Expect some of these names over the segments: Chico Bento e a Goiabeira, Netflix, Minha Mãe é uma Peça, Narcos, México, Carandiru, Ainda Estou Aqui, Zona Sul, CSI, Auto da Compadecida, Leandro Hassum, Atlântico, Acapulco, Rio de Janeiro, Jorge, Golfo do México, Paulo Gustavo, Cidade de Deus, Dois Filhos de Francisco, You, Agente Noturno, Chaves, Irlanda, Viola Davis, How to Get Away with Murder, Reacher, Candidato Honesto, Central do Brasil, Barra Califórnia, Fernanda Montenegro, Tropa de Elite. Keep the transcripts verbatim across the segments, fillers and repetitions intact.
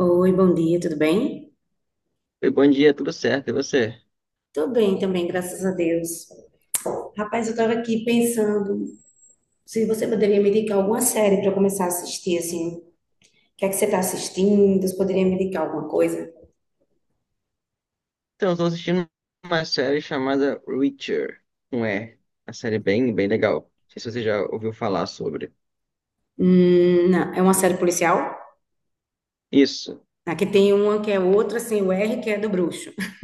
Oi, bom dia, tudo bem? Oi, bom dia, tudo certo? E você? Tô bem também, graças a Deus. Rapaz, eu tava aqui pensando se você poderia me indicar alguma série para eu começar a assistir, assim. O que é que você tá assistindo? Você poderia me indicar alguma coisa? Então, estou assistindo uma série chamada Reacher, um R. Uma série é bem, bem legal. Não sei se você já ouviu falar sobre. Hum, não, é uma série policial? Isso. Aqui tem uma que é outra sem o R, que é do bruxo.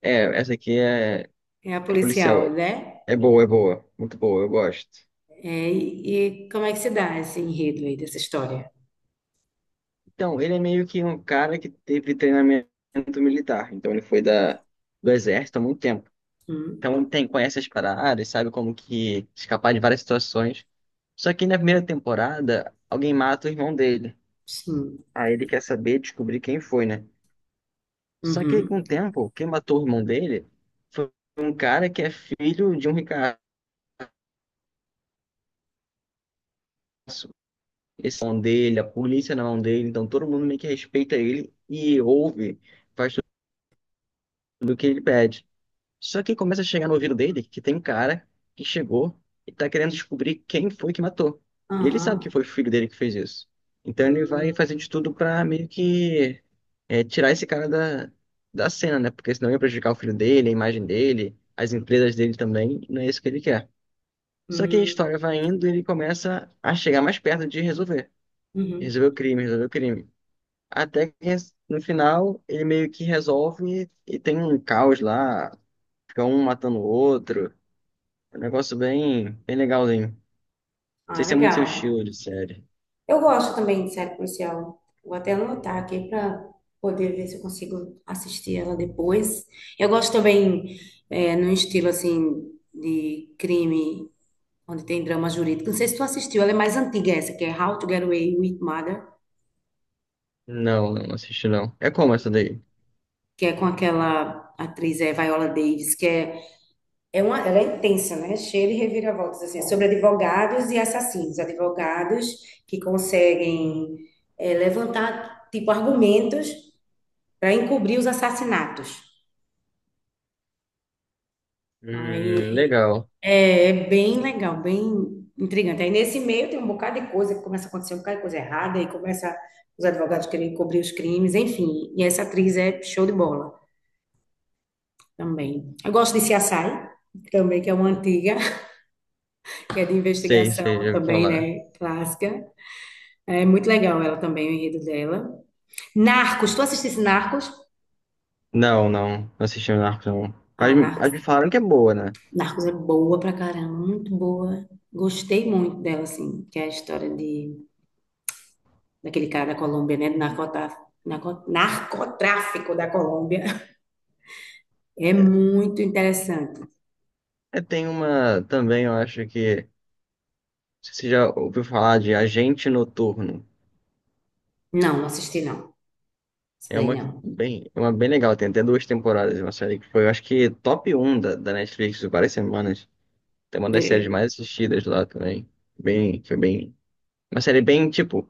É, essa aqui é, É a é policial. policial, né? É boa, é boa. Muito boa, eu gosto. É, e, e como é que se dá esse enredo aí dessa história? Então, ele é meio que um cara que teve treinamento militar. Então, ele foi da, do exército há muito tempo. Hum, Então, tem, conhece as paradas, sabe como que escapar de várias situações. Só que na primeira temporada, alguém mata o irmão dele. sim. Aí ele quer saber, descobrir quem foi, né? Só que aí, com Uhum. o tempo, quem matou o irmão dele foi um cara que é filho de um ricaço. Esse é na mão dele, a polícia é na mão dele, então todo mundo meio que respeita ele e ouve, faz tudo o que ele pede. Só que começa a chegar no ouvido dele que tem um cara que chegou e tá querendo descobrir quem foi que matou. E ele sabe que Aham. foi o filho dele que fez isso. Então ele vai Hum, fazer de tudo pra meio que é, tirar esse cara da, da cena, né? Porque senão ia prejudicar o filho dele, a imagem dele, as empresas dele também. e Não é isso que ele quer. Só que a hum, história vai indo e ele começa a chegar mais perto de resolver. uhum. Resolver o crime, resolver o crime. Até que no final ele meio que resolve e tem um caos lá. Fica um matando o outro. É um negócio bem, bem legalzinho. Não Ah, sei se é muito seu legal. estilo de série. Eu gosto também de série policial. Vou até anotar aqui para poder ver se eu consigo assistir ela depois. Eu gosto também é, no estilo assim de crime, onde tem drama jurídico. Não sei se tu assistiu, ela é mais antiga essa, que é How to Get Away with Murder, Não, não assisti não. É como essa daí? que é com aquela atriz é, Viola Davis, que é, é uma, ela é intensa, né? Cheia de reviravoltas, assim. É sobre advogados e assassinos, advogados que conseguem é, levantar tipo argumentos para encobrir os assassinatos. Hum, Aí legal. é, é bem legal, bem intrigante. Aí nesse meio tem um bocado de coisa que começa a acontecer, um bocado de coisa errada, aí começa os advogados querendo encobrir os crimes, enfim. E essa atriz é show de bola também. Eu gosto de C S I também, que é uma antiga, que é de Sei, sei, investigação já ouvi também, falar. né? Clássica. É muito legal ela também, o enredo dela. Narcos, tu assistisse Narcos? Não, não, não assisti o Narcos não. Mas, Ah, me- Narcos mas me falaram que é boa, né? Narcos é boa pra caramba, muito boa. Gostei muito dela, assim, que é a história de, daquele cara da Colômbia, né? Do narcota- narco- narcotráfico da Colômbia. É muito interessante. É, tem uma também, eu acho que... Não sei se Você já ouviu falar de Agente Noturno? Não, não assisti, não. Isso É daí uma não. bem, é uma bem legal, tem até duas temporadas, uma série que foi, eu acho que top um da, da Netflix por várias semanas. Tem uma das séries É, mais assistidas lá também. Bem, foi bem. Uma série bem, tipo.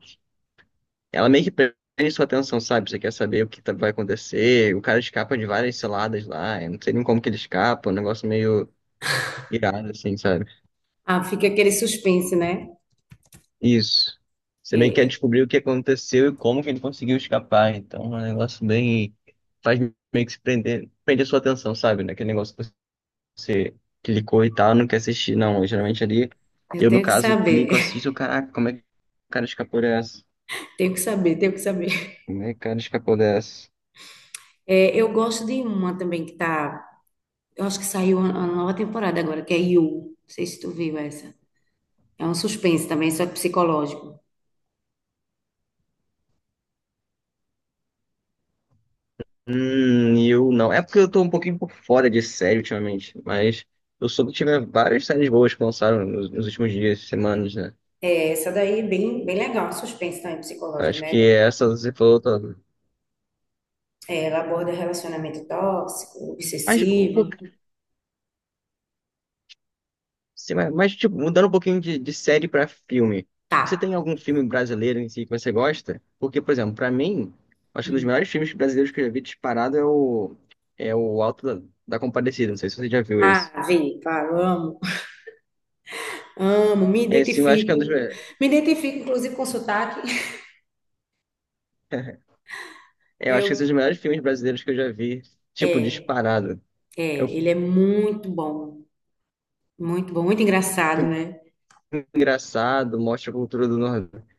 Ela meio que prende sua atenção, sabe? Você quer saber o que tá- vai acontecer. O cara escapa de várias ciladas lá. Eu não sei nem como que ele escapa. É Um negócio meio irado, assim, sabe? ah, fica aquele suspense, né? Isso. Você meio que quer É, descobrir o que aconteceu e como que ele conseguiu escapar. Então, é um negócio bem. Faz meio que se prender... Prender sua atenção, sabe? Naquele negócio que você clicou e tal, não quer assistir. Não, eu, geralmente ali. eu Eu, no tenho que caso, saber, clico, assisto. Caraca, como é que o cara escapou dessa? tenho que saber, tenho que saber. Como é que o cara escapou dessa? É, eu gosto de uma também que tá. Eu acho que saiu a a nova temporada agora, que é You. Não sei se tu viu essa. É um suspense também, só que psicológico. Hum, eu não. É porque eu tô um pouquinho por fora de série ultimamente, mas eu soube que tiveram várias séries boas que lançaram nos, nos últimos dias, semanas, né? É, essa daí é bem, bem legal, suspense também psicológico, Acho que né? é essa você falou, tá. É, ela aborda relacionamento tóxico, mas, um obsessivo. pouquinho- sim, mas, mas, tipo, mudando um pouquinho de, de série pra filme. Tá. Você tem algum filme brasileiro em si que você gosta? Porque, por exemplo, pra mim, acho que um dos Uhum. melhores filmes brasileiros que eu já vi disparado é o, é o Alto da, da Compadecida. Não sei se você já viu Ah, esse. vi, claro, amo. Amo, me É, sim, eu acho que é um dos identifico. melhores. Me identifico, inclusive, com sotaque. Eu acho que esse é um dos Eu, melhores filmes brasileiros que eu já vi. Tipo, é, disparado. É um é, ele é muito bom. Muito bom, muito engraçado, filme né? engraçado, mostra a cultura do Nordeste.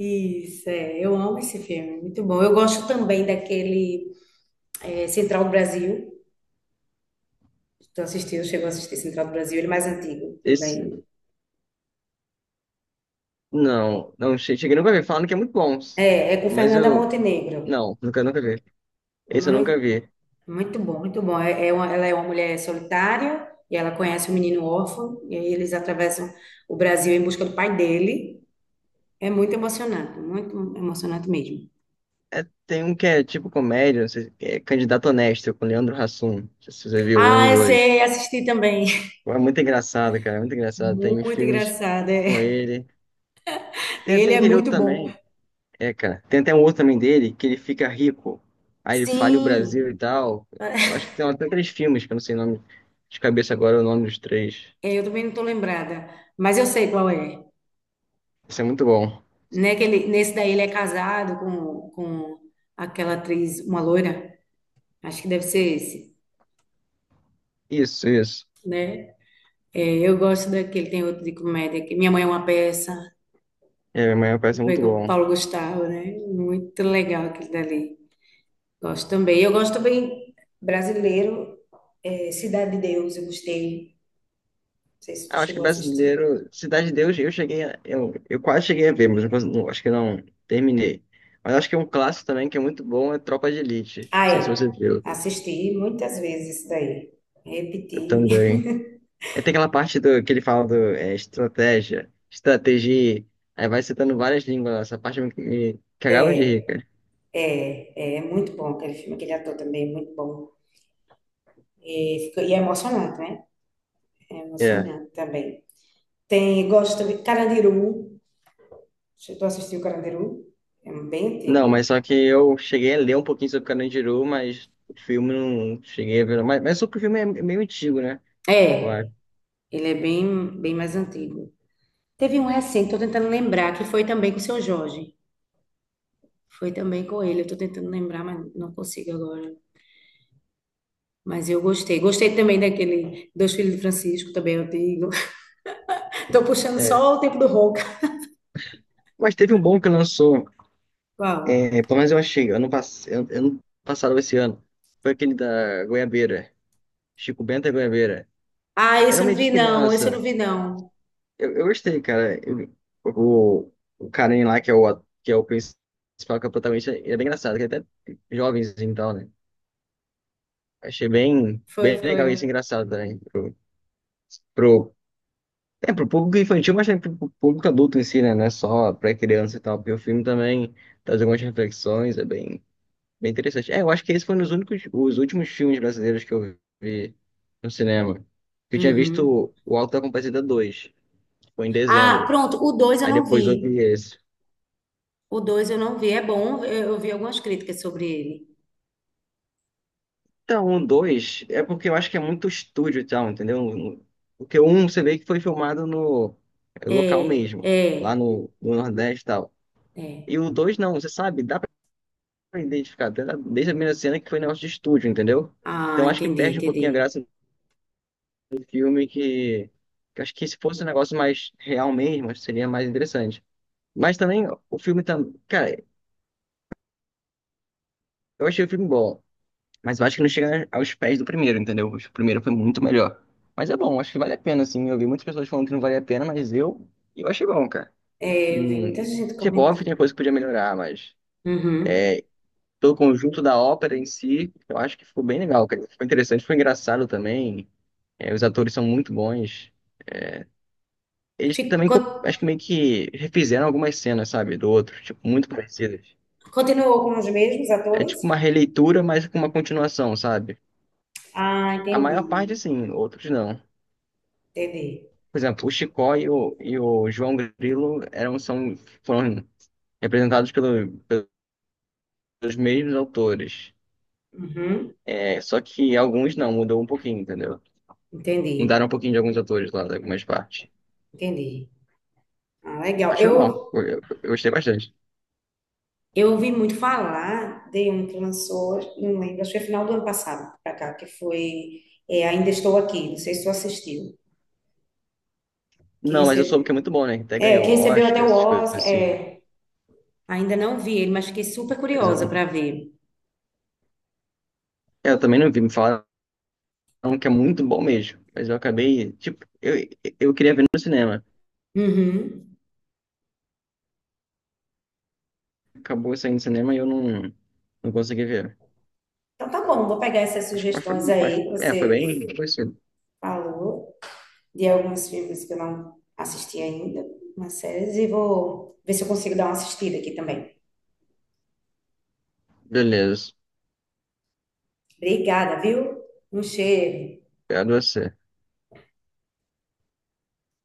Isso, é, eu amo esse filme, muito bom. Eu gosto também daquele é, Central do Brasil. Tu assistiu, chegou a assistir Central do Brasil? Ele é mais antigo Esse, também. não, não, che- cheguei nunca a ver. Falando que é muito bom. É, é com Mas Fernanda eu, Montenegro. não, nunca, nunca vi. Esse eu nunca Muito, vi. muito bom, muito bom. É, é uma- ela é uma mulher solitária e ela conhece um menino órfão e aí eles atravessam o Brasil em busca do pai dele. É muito emocionante, muito emocionante mesmo. É, tem um que é tipo comédia, não sei, é Candidato Honesto, com Leandro Hassum. Não sei se você viu um e Ah, eu dois. sei, assisti também. É muito engraçado, cara, é muito engraçado. Tem Muito filmes engraçado. com É. ele. Tem Ele até é aquele outro muito bom. também. É, cara. Tem até um outro também dele que ele fica rico. Aí ele fala o Brasil Sim, e tal. Eu acho que tem até três filmes, que eu não sei o nome de cabeça agora, o nome dos três. é, eu também não estou lembrada, mas eu sei qual é. Isso é muito bom. Né, que ele, nesse daí ele é casado com, com aquela atriz, uma loira. Acho que deve ser esse. Isso, isso. É, eu gosto daquele, tem outro de comédia, que Minha Mãe é uma Peça, É, amanhã parece foi muito com o bom. Paulo Gustavo, né? Muito legal aquele dali. Gosto também. Eu gosto também brasileiro, é, Cidade de Deus, eu gostei. Não sei se tu Ah, acho que chegou a assistir. brasileiro, Cidade de Deus, eu cheguei a, eu, eu quase cheguei a ver, mas não, cons- não- acho que não terminei. Mas acho que é um clássico também que é muito bom é Tropa de Elite. Não Ah, sei se você é. viu. Assisti muitas vezes isso daí. Eu Repeti. também. Aí tem aquela parte do, que ele fala do é, estratégia, estratégia, aí vai citando várias línguas, lá. Essa parte me, me cagava de rir, É, cara. é, é muito bom aquele filme, aquele ator também é muito bom. E, fica- e é emocionante, né? É É. emocionante também. Tem, gosto também de Carandiru. Já tu assistiu o Carandiru? É bem antigo. Não, mas só que eu cheguei a ler um pouquinho sobre Carandiru, mas o filme não cheguei a ver. não. Mas, mas só que o filme é meio antigo, né? Eu É, acho. ele é bem, bem mais antigo. Teve um recente, tô tentando lembrar, que foi também com o seu Jorge. Foi também com ele, eu tô tentando lembrar, mas não consigo agora. Mas eu gostei. Gostei também daquele Dois Filhos de Francisco, também antigo. Tô puxando É. só o tempo do Ronca. Mas teve um bom que lançou, Qual? é, pelo menos eu achei, ano, pass... ano passado, ou esse ano, foi aquele da Goiabeira, Chico Bento e a Goiabeira. Ah, Era esse um eu não meio de vi não, esse eu não criança. vi não. Eu, eu gostei, cara. Eu- o, o carinha lá, que é o, at- que é o principal, que é o protagonista, ele é bem engraçado, que é até jovenzinho e tal, né? Achei bem, Foi, bem ficou legal legal. isso, engraçado também. Pro, pro, é, pro público infantil, mas também pro, pro público adulto em si, né? Não é só pra criança e tal, porque o filme também traz algumas reflexões, é bem, bem interessante. É, eu acho que esse foi um dos únicos, os últimos filmes brasileiros que eu vi no cinema. Eu tinha Uhum. visto o Auto da Compadecida dois foi em Ah, dezembro. pronto, o dois eu Aí não depois eu vi. vi esse. O dois eu não vi, é bom, eu eu vi algumas críticas sobre ele. Então, o dois é porque eu acho que é muito estúdio e tal, entendeu? Porque o um você vê que foi filmado no é, É, local mesmo, é, lá no, no Nordeste e tal. é. E o dois não, você sabe, dá pra identificar até da- desde a primeira cena que foi negócio de estúdio, entendeu? Ah, Então acho que entendi, perde um pouquinho a entendi. graça do filme, que, que acho que se fosse um negócio mais real mesmo, acho que seria mais interessante. Mas também o filme tá, cara, eu achei o filme bom. Mas eu acho que não chega aos pés do primeiro, entendeu? O primeiro foi muito melhor. Mas é bom, acho que vale a pena, assim. Eu vi muitas pessoas falando que não vale a pena, mas eu, eu achei bom, cara. É, eu vi muita Hum, gente tipo, óbvio, tinha comentando. coisa que podia melhorar, mas Uhum. pelo conjunto da ópera em si, eu acho que ficou bem legal, cara. Ficou interessante, foi engraçado também. É, os atores são muito bons. Eles também, Ficou, co- acho que meio que refizeram algumas cenas, sabe, do outro, tipo, muito parecidas. continuou com os mesmos É atores? tipo uma releitura, mas com uma continuação, sabe? Ah, A entendi, maior parte, sim, outros não. entendi. Por exemplo, o Chicó e o, e o, João Grilo eram, são, foram representados pelo- pelos mesmos autores. Uhum. É, só que alguns não, mudou um pouquinho, entendeu? Mudaram Entendi, um pouquinho de alguns autores lá, de algumas partes. entendi. Ah, legal. Acho que foi bom, Eu, eu, eu- eu gostei bastante. eu ouvi muito falar de um que lançou, não lembro, acho que foi final do ano passado, pra cá, que foi é, Ainda Estou Aqui, não sei se tu assistiu, que, Não, mas eu soube que é recebe, muito bom, né? Até é, que ganhou recebeu até Oscar, o essas coisas Oscar. assim. é, Ainda não vi ele, mas fiquei super Mas eu, curiosa não- para ver. eu também não vi, me falaram bem no cinema. Acabou saindo no cinema e eu não, não consegui ver. Então tá bom, vou pegar essas Mas, mas foi, sugestões mas, aí que é, foi você bem. Foi assim. falou, de alguns filmes que eu não assisti ainda, umas séries, e vou ver se eu consigo dar uma assistida aqui também. Beleza, Obrigada, viu? Um cheiro. obrigado a você.